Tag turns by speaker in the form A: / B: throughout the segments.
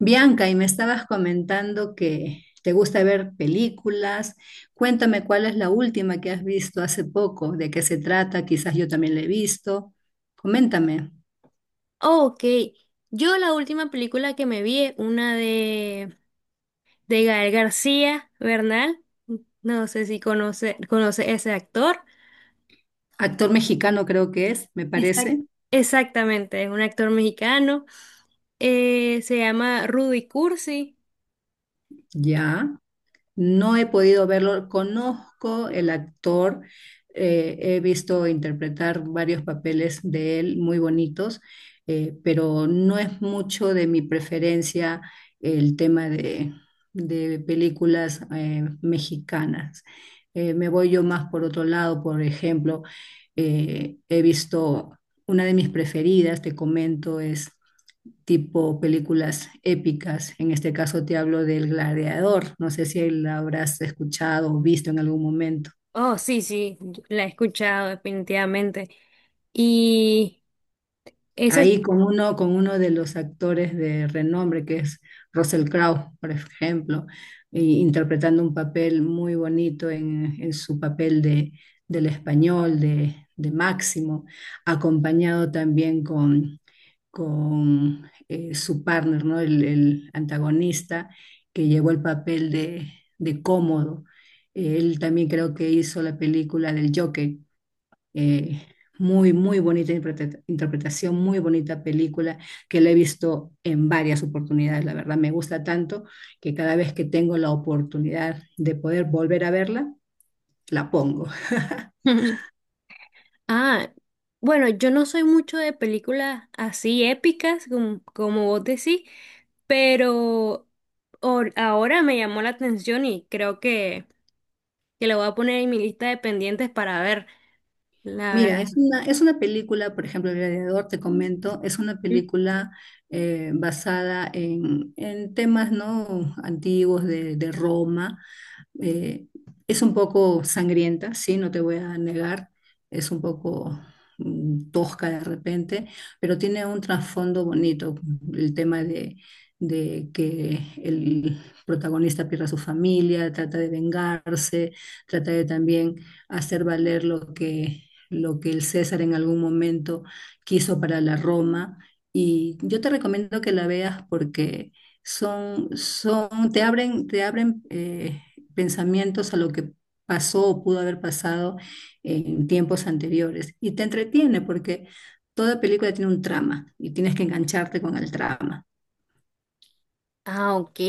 A: Bianca, y me estabas comentando que te gusta ver películas. Cuéntame cuál es la última que has visto hace poco, de qué se trata, quizás yo también la he visto. Coméntame.
B: Oh, ok, yo la última película que me vi es una de Gael García Bernal. No sé si conoce ese actor.
A: Actor mexicano creo que es, me
B: Exacto.
A: parece.
B: Exactamente, es un actor mexicano. Se llama Rudy Cursi.
A: Ya. No he podido verlo. Conozco el actor, he visto interpretar varios papeles de él muy bonitos, pero no es mucho de mi preferencia el tema de películas mexicanas. Me voy yo más por otro lado, por ejemplo, he visto una de mis preferidas, te comento, es tipo películas épicas. En este caso te hablo del Gladiador. No sé si la habrás escuchado o visto en algún momento.
B: Oh, sí, sí, la he escuchado definitivamente. Y esa es...
A: Ahí con uno de los actores de renombre, que es Russell Crowe, por ejemplo, interpretando un papel muy bonito en su papel del español, de Máximo, acompañado también con su partner, ¿no? El antagonista que llevó el papel de Cómodo. Él también creo que hizo la película del Joker. eh, muy bonita interpretación, muy bonita película que la he visto en varias oportunidades. La verdad, me gusta tanto que cada vez que tengo la oportunidad de poder volver a verla, la pongo.
B: Ah, bueno, yo no soy mucho de películas así épicas, como vos decís, pero ahora me llamó la atención y creo que la voy a poner en mi lista de pendientes para ver. La
A: Mira,
B: verdad.
A: es una película, por ejemplo, El Gladiador, te comento, es una película basada en temas ¿no? antiguos de Roma. Eh, es un poco sangrienta, sí, no te voy a negar, es un poco tosca de repente, pero tiene un trasfondo bonito, el tema de que el protagonista pierde a su familia, trata de vengarse, trata de también hacer valer lo que el César en algún momento quiso para la Roma. Y yo te recomiendo que la veas porque te abren pensamientos a lo que pasó o pudo haber pasado en tiempos anteriores. Y te entretiene porque toda película tiene un trama y tienes que engancharte con el trama.
B: Ah, ok.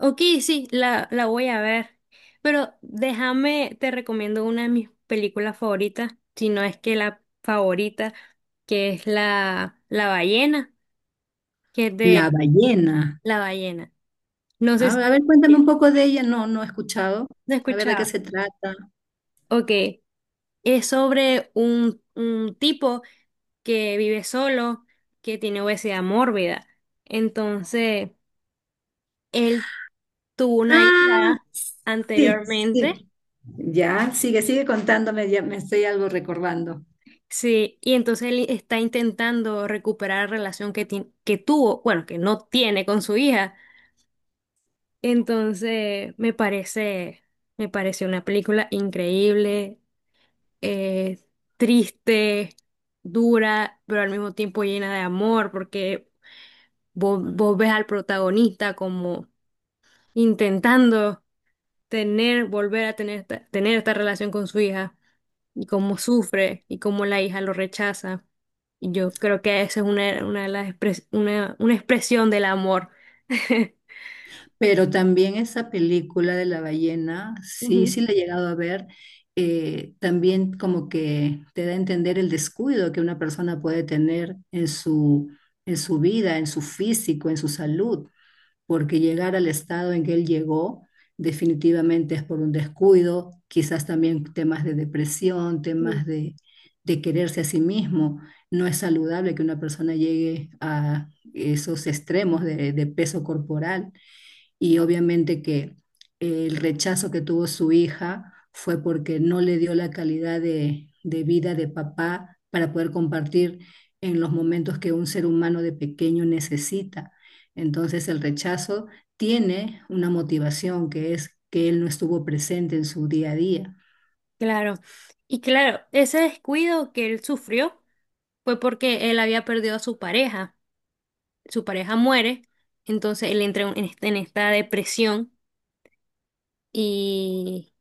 B: Ok, sí, la voy a ver. Pero déjame, te recomiendo una de mis películas favoritas, si no es que la favorita, que es la ballena, que es
A: La
B: de
A: ballena.
B: la ballena. No sé si...
A: A ver, cuéntame un poco de ella. No, no he escuchado.
B: No
A: A ver de qué
B: escuchaba.
A: se trata.
B: Ok. Es sobre un tipo que vive solo, que tiene obesidad mórbida. Entonces, él tuvo una
A: Ah,
B: hija
A: sí,
B: anteriormente,
A: sí. Ya, sigue, sigue contándome, ya me estoy algo recordando.
B: sí, y entonces él está intentando recuperar la relación que tuvo, bueno, que no tiene con su hija. Entonces, me parece una película increíble. eh, Triste, dura, pero al mismo tiempo llena de amor, porque vos ves al protagonista como intentando volver a tener esta relación con su hija, y cómo sufre, y cómo la hija lo rechaza. Y yo creo que esa es una de las una expresión del amor.
A: Pero también esa película de la ballena, sí,
B: Ujú,
A: sí la he llegado a ver, también como que te da a entender el descuido que una persona puede tener en su vida, en su físico, en su salud, porque llegar al estado en que él llegó definitivamente es por un descuido, quizás también temas de depresión,
B: sí.
A: de quererse a sí mismo. No es saludable que una persona llegue a esos extremos de peso corporal y obviamente que el rechazo que tuvo su hija fue porque no le dio la calidad de vida de papá para poder compartir en los momentos que un ser humano de pequeño necesita. Entonces el rechazo tiene una motivación que es que él no estuvo presente en su día a día.
B: Claro. Y claro, ese descuido que él sufrió fue porque él había perdido a su pareja. Su pareja muere, entonces él entra en en esta depresión y,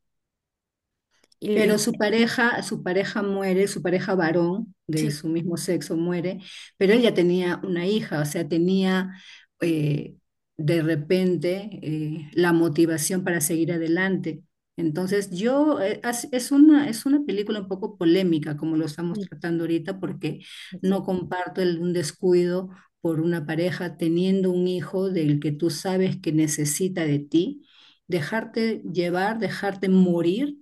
B: y-
A: Pero
B: y-
A: su pareja muere, su pareja varón de
B: sí,
A: su mismo sexo muere, pero él ya tenía una hija, o sea, tenía eh, de repente la motivación para seguir adelante. Entonces, yo, as- es una película un poco polémica como lo estamos
B: y
A: tratando ahorita, porque no comparto un descuido por una pareja teniendo un hijo del que tú sabes que necesita de ti, dejarte llevar, dejarte morir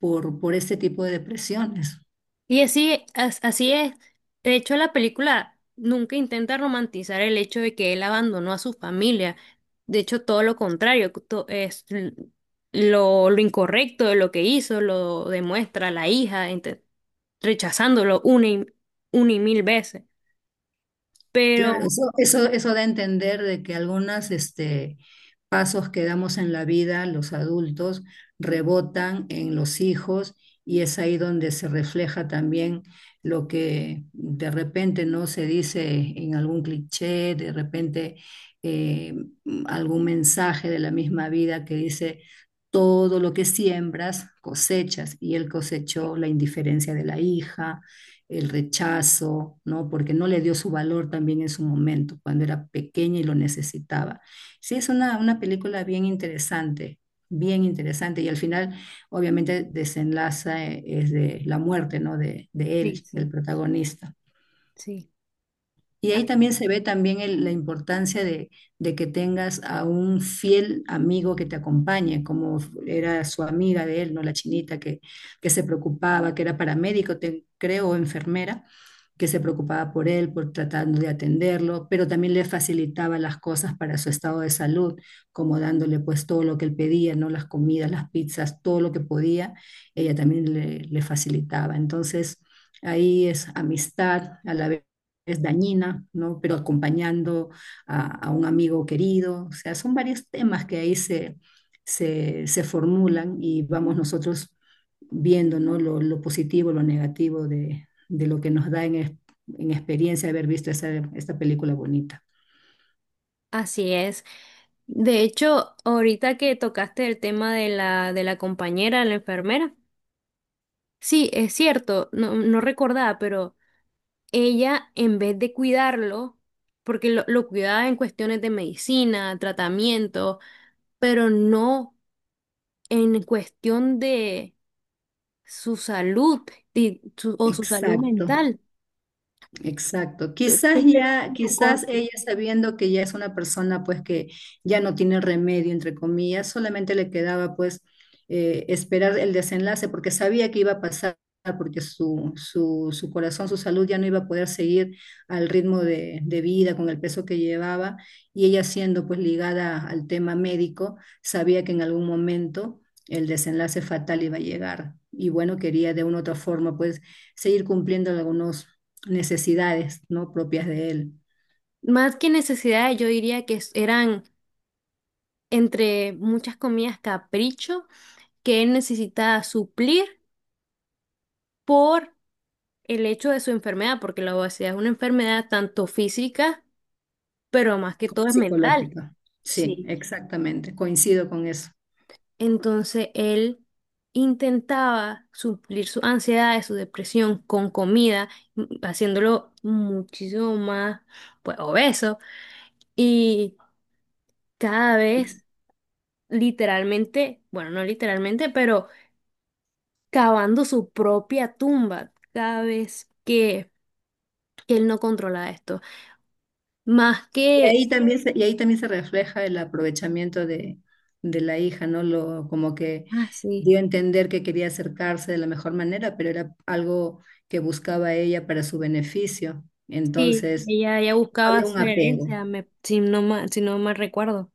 A: por este tipo de depresiones.
B: y así, así es. De hecho, la película nunca intenta romantizar el hecho de que él abandonó a su familia. De hecho, todo lo contrario, lo incorrecto de lo que hizo, lo demuestra la hija rechazándolo una una y mil veces. Pero
A: Claro, eso da a entender de que algunos este, pasos que damos en la vida, los adultos, rebotan en los hijos y es ahí donde se refleja también lo que de repente no se dice en algún cliché, de repente eh, algún mensaje de la misma vida que dice, todo lo que siembras cosechas, y él cosechó la indiferencia de la hija, el rechazo, ¿no? Porque no le dio su valor también en su momento, cuando era pequeña y lo necesitaba. Sí, es una película bien interesante, y al final obviamente desenlaza es de la muerte, ¿no? De
B: sí,
A: él, del
B: sí,
A: protagonista.
B: sí.
A: Y ahí también se ve también el- la importancia de que tengas a un fiel amigo que te acompañe, como era su amiga de él, ¿no? La chinita que se preocupaba, que era paramédico, creo, o enfermera, que se preocupaba por él, por tratando de atenderlo, pero también le facilitaba las cosas para su estado de salud, como dándole pues todo lo que él pedía, ¿no? Las comidas, las pizzas, todo lo que podía, ella también le facilitaba. Entonces, ahí es amistad, a la vez es dañina, ¿no? Pero acompañando a un amigo querido. O sea, son varios temas que ahí se formulan y vamos nosotros viendo, ¿no? Lo positivo, lo negativo de lo que nos da en experiencia haber visto esta película bonita.
B: Así es. De hecho, ahorita que tocaste el tema de de la compañera, la enfermera, sí, es cierto, no, no recordaba, pero ella en vez de cuidarlo, porque lo cuidaba en cuestiones de medicina, tratamiento, pero no en cuestión de su salud y su- o su salud
A: Exacto.
B: mental.
A: Exacto.
B: Simplemente lo
A: Quizás
B: con-
A: ella sabiendo que ya es una persona pues que ya no tiene remedio, entre comillas, solamente le quedaba pues esperar el desenlace porque sabía que iba a pasar, porque su corazón, su salud ya no iba a poder seguir al ritmo de vida con el peso que llevaba y ella siendo pues ligada al tema médico, sabía que en algún momento el desenlace fatal iba a llegar y bueno, quería de una u otra forma pues seguir cumpliendo algunos necesidades no propias de él,
B: más que necesidades, yo diría que eran entre muchas comillas capricho que él necesita suplir por el hecho de su enfermedad, porque la obesidad es una enfermedad tanto física, pero más que
A: como
B: todo es mental.
A: psicológica. Sí,
B: Sí.
A: exactamente, coincido con eso.
B: Entonces él intentaba suplir su ansiedad, su depresión con comida, haciéndolo muchísimo más, pues, obeso. Y cada vez, literalmente, bueno, no literalmente, pero cavando su propia tumba cada vez que él no controla esto. Más que,
A: Y ahí también se refleja el aprovechamiento de la hija, ¿no? Lo, como que
B: ah, sí,
A: dio a entender que quería acercarse de la mejor manera, pero era algo que buscaba ella para su beneficio.
B: sí,
A: Entonces,
B: ella buscaba
A: había un
B: su
A: apego.
B: herencia, si no si no mal recuerdo.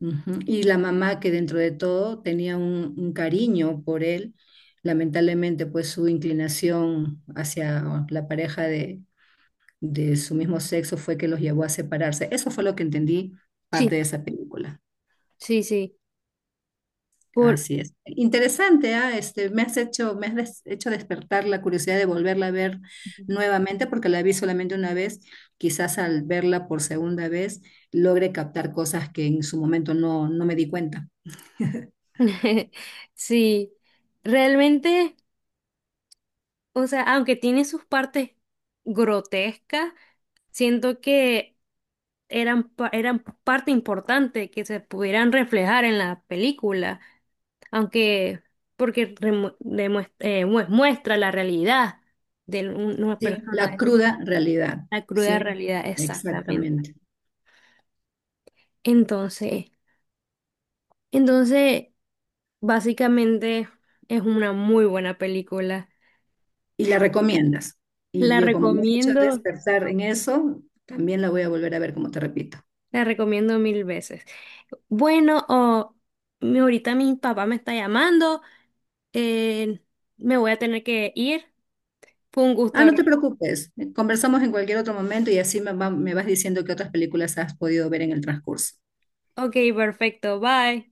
A: Ujú. Y la mamá que dentro de todo tenía un cariño por él, lamentablemente pues su inclinación hacia la pareja de su mismo sexo fue que los llevó a separarse. Eso fue lo que entendí parte
B: Sí,
A: de esa película.
B: sí, sí. Por...
A: Así es. Interesante, ah, este, hecho despertar la curiosidad de volverla a ver nuevamente porque la vi solamente una vez. Quizás al verla por segunda vez logre captar cosas que en su momento no, no me di cuenta.
B: Sí, realmente, o sea, aunque tiene sus partes grotescas, siento que eran parte importante que se pudieran reflejar en la película. Aunque porque muestra la realidad de una
A: Sí,
B: persona
A: la
B: de esa,
A: cruda realidad,
B: la cruda
A: sí,
B: realidad, exactamente.
A: exactamente.
B: Entonces, entonces, básicamente es una muy buena película.
A: Y la recomiendas. Y
B: La
A: yo como me he hecho
B: recomiendo,
A: despertar en eso, también la voy a volver a ver, como te repito.
B: la recomiendo mil veces. Bueno, o ahorita mi papá me está llamando, eh, me voy a tener que ir. Fue un gusto
A: Ah, no
B: hablar.
A: te preocupes, conversamos en cualquier otro momento y así me vas diciendo qué otras películas has podido ver en el transcurso.
B: Ok, perfecto, bye.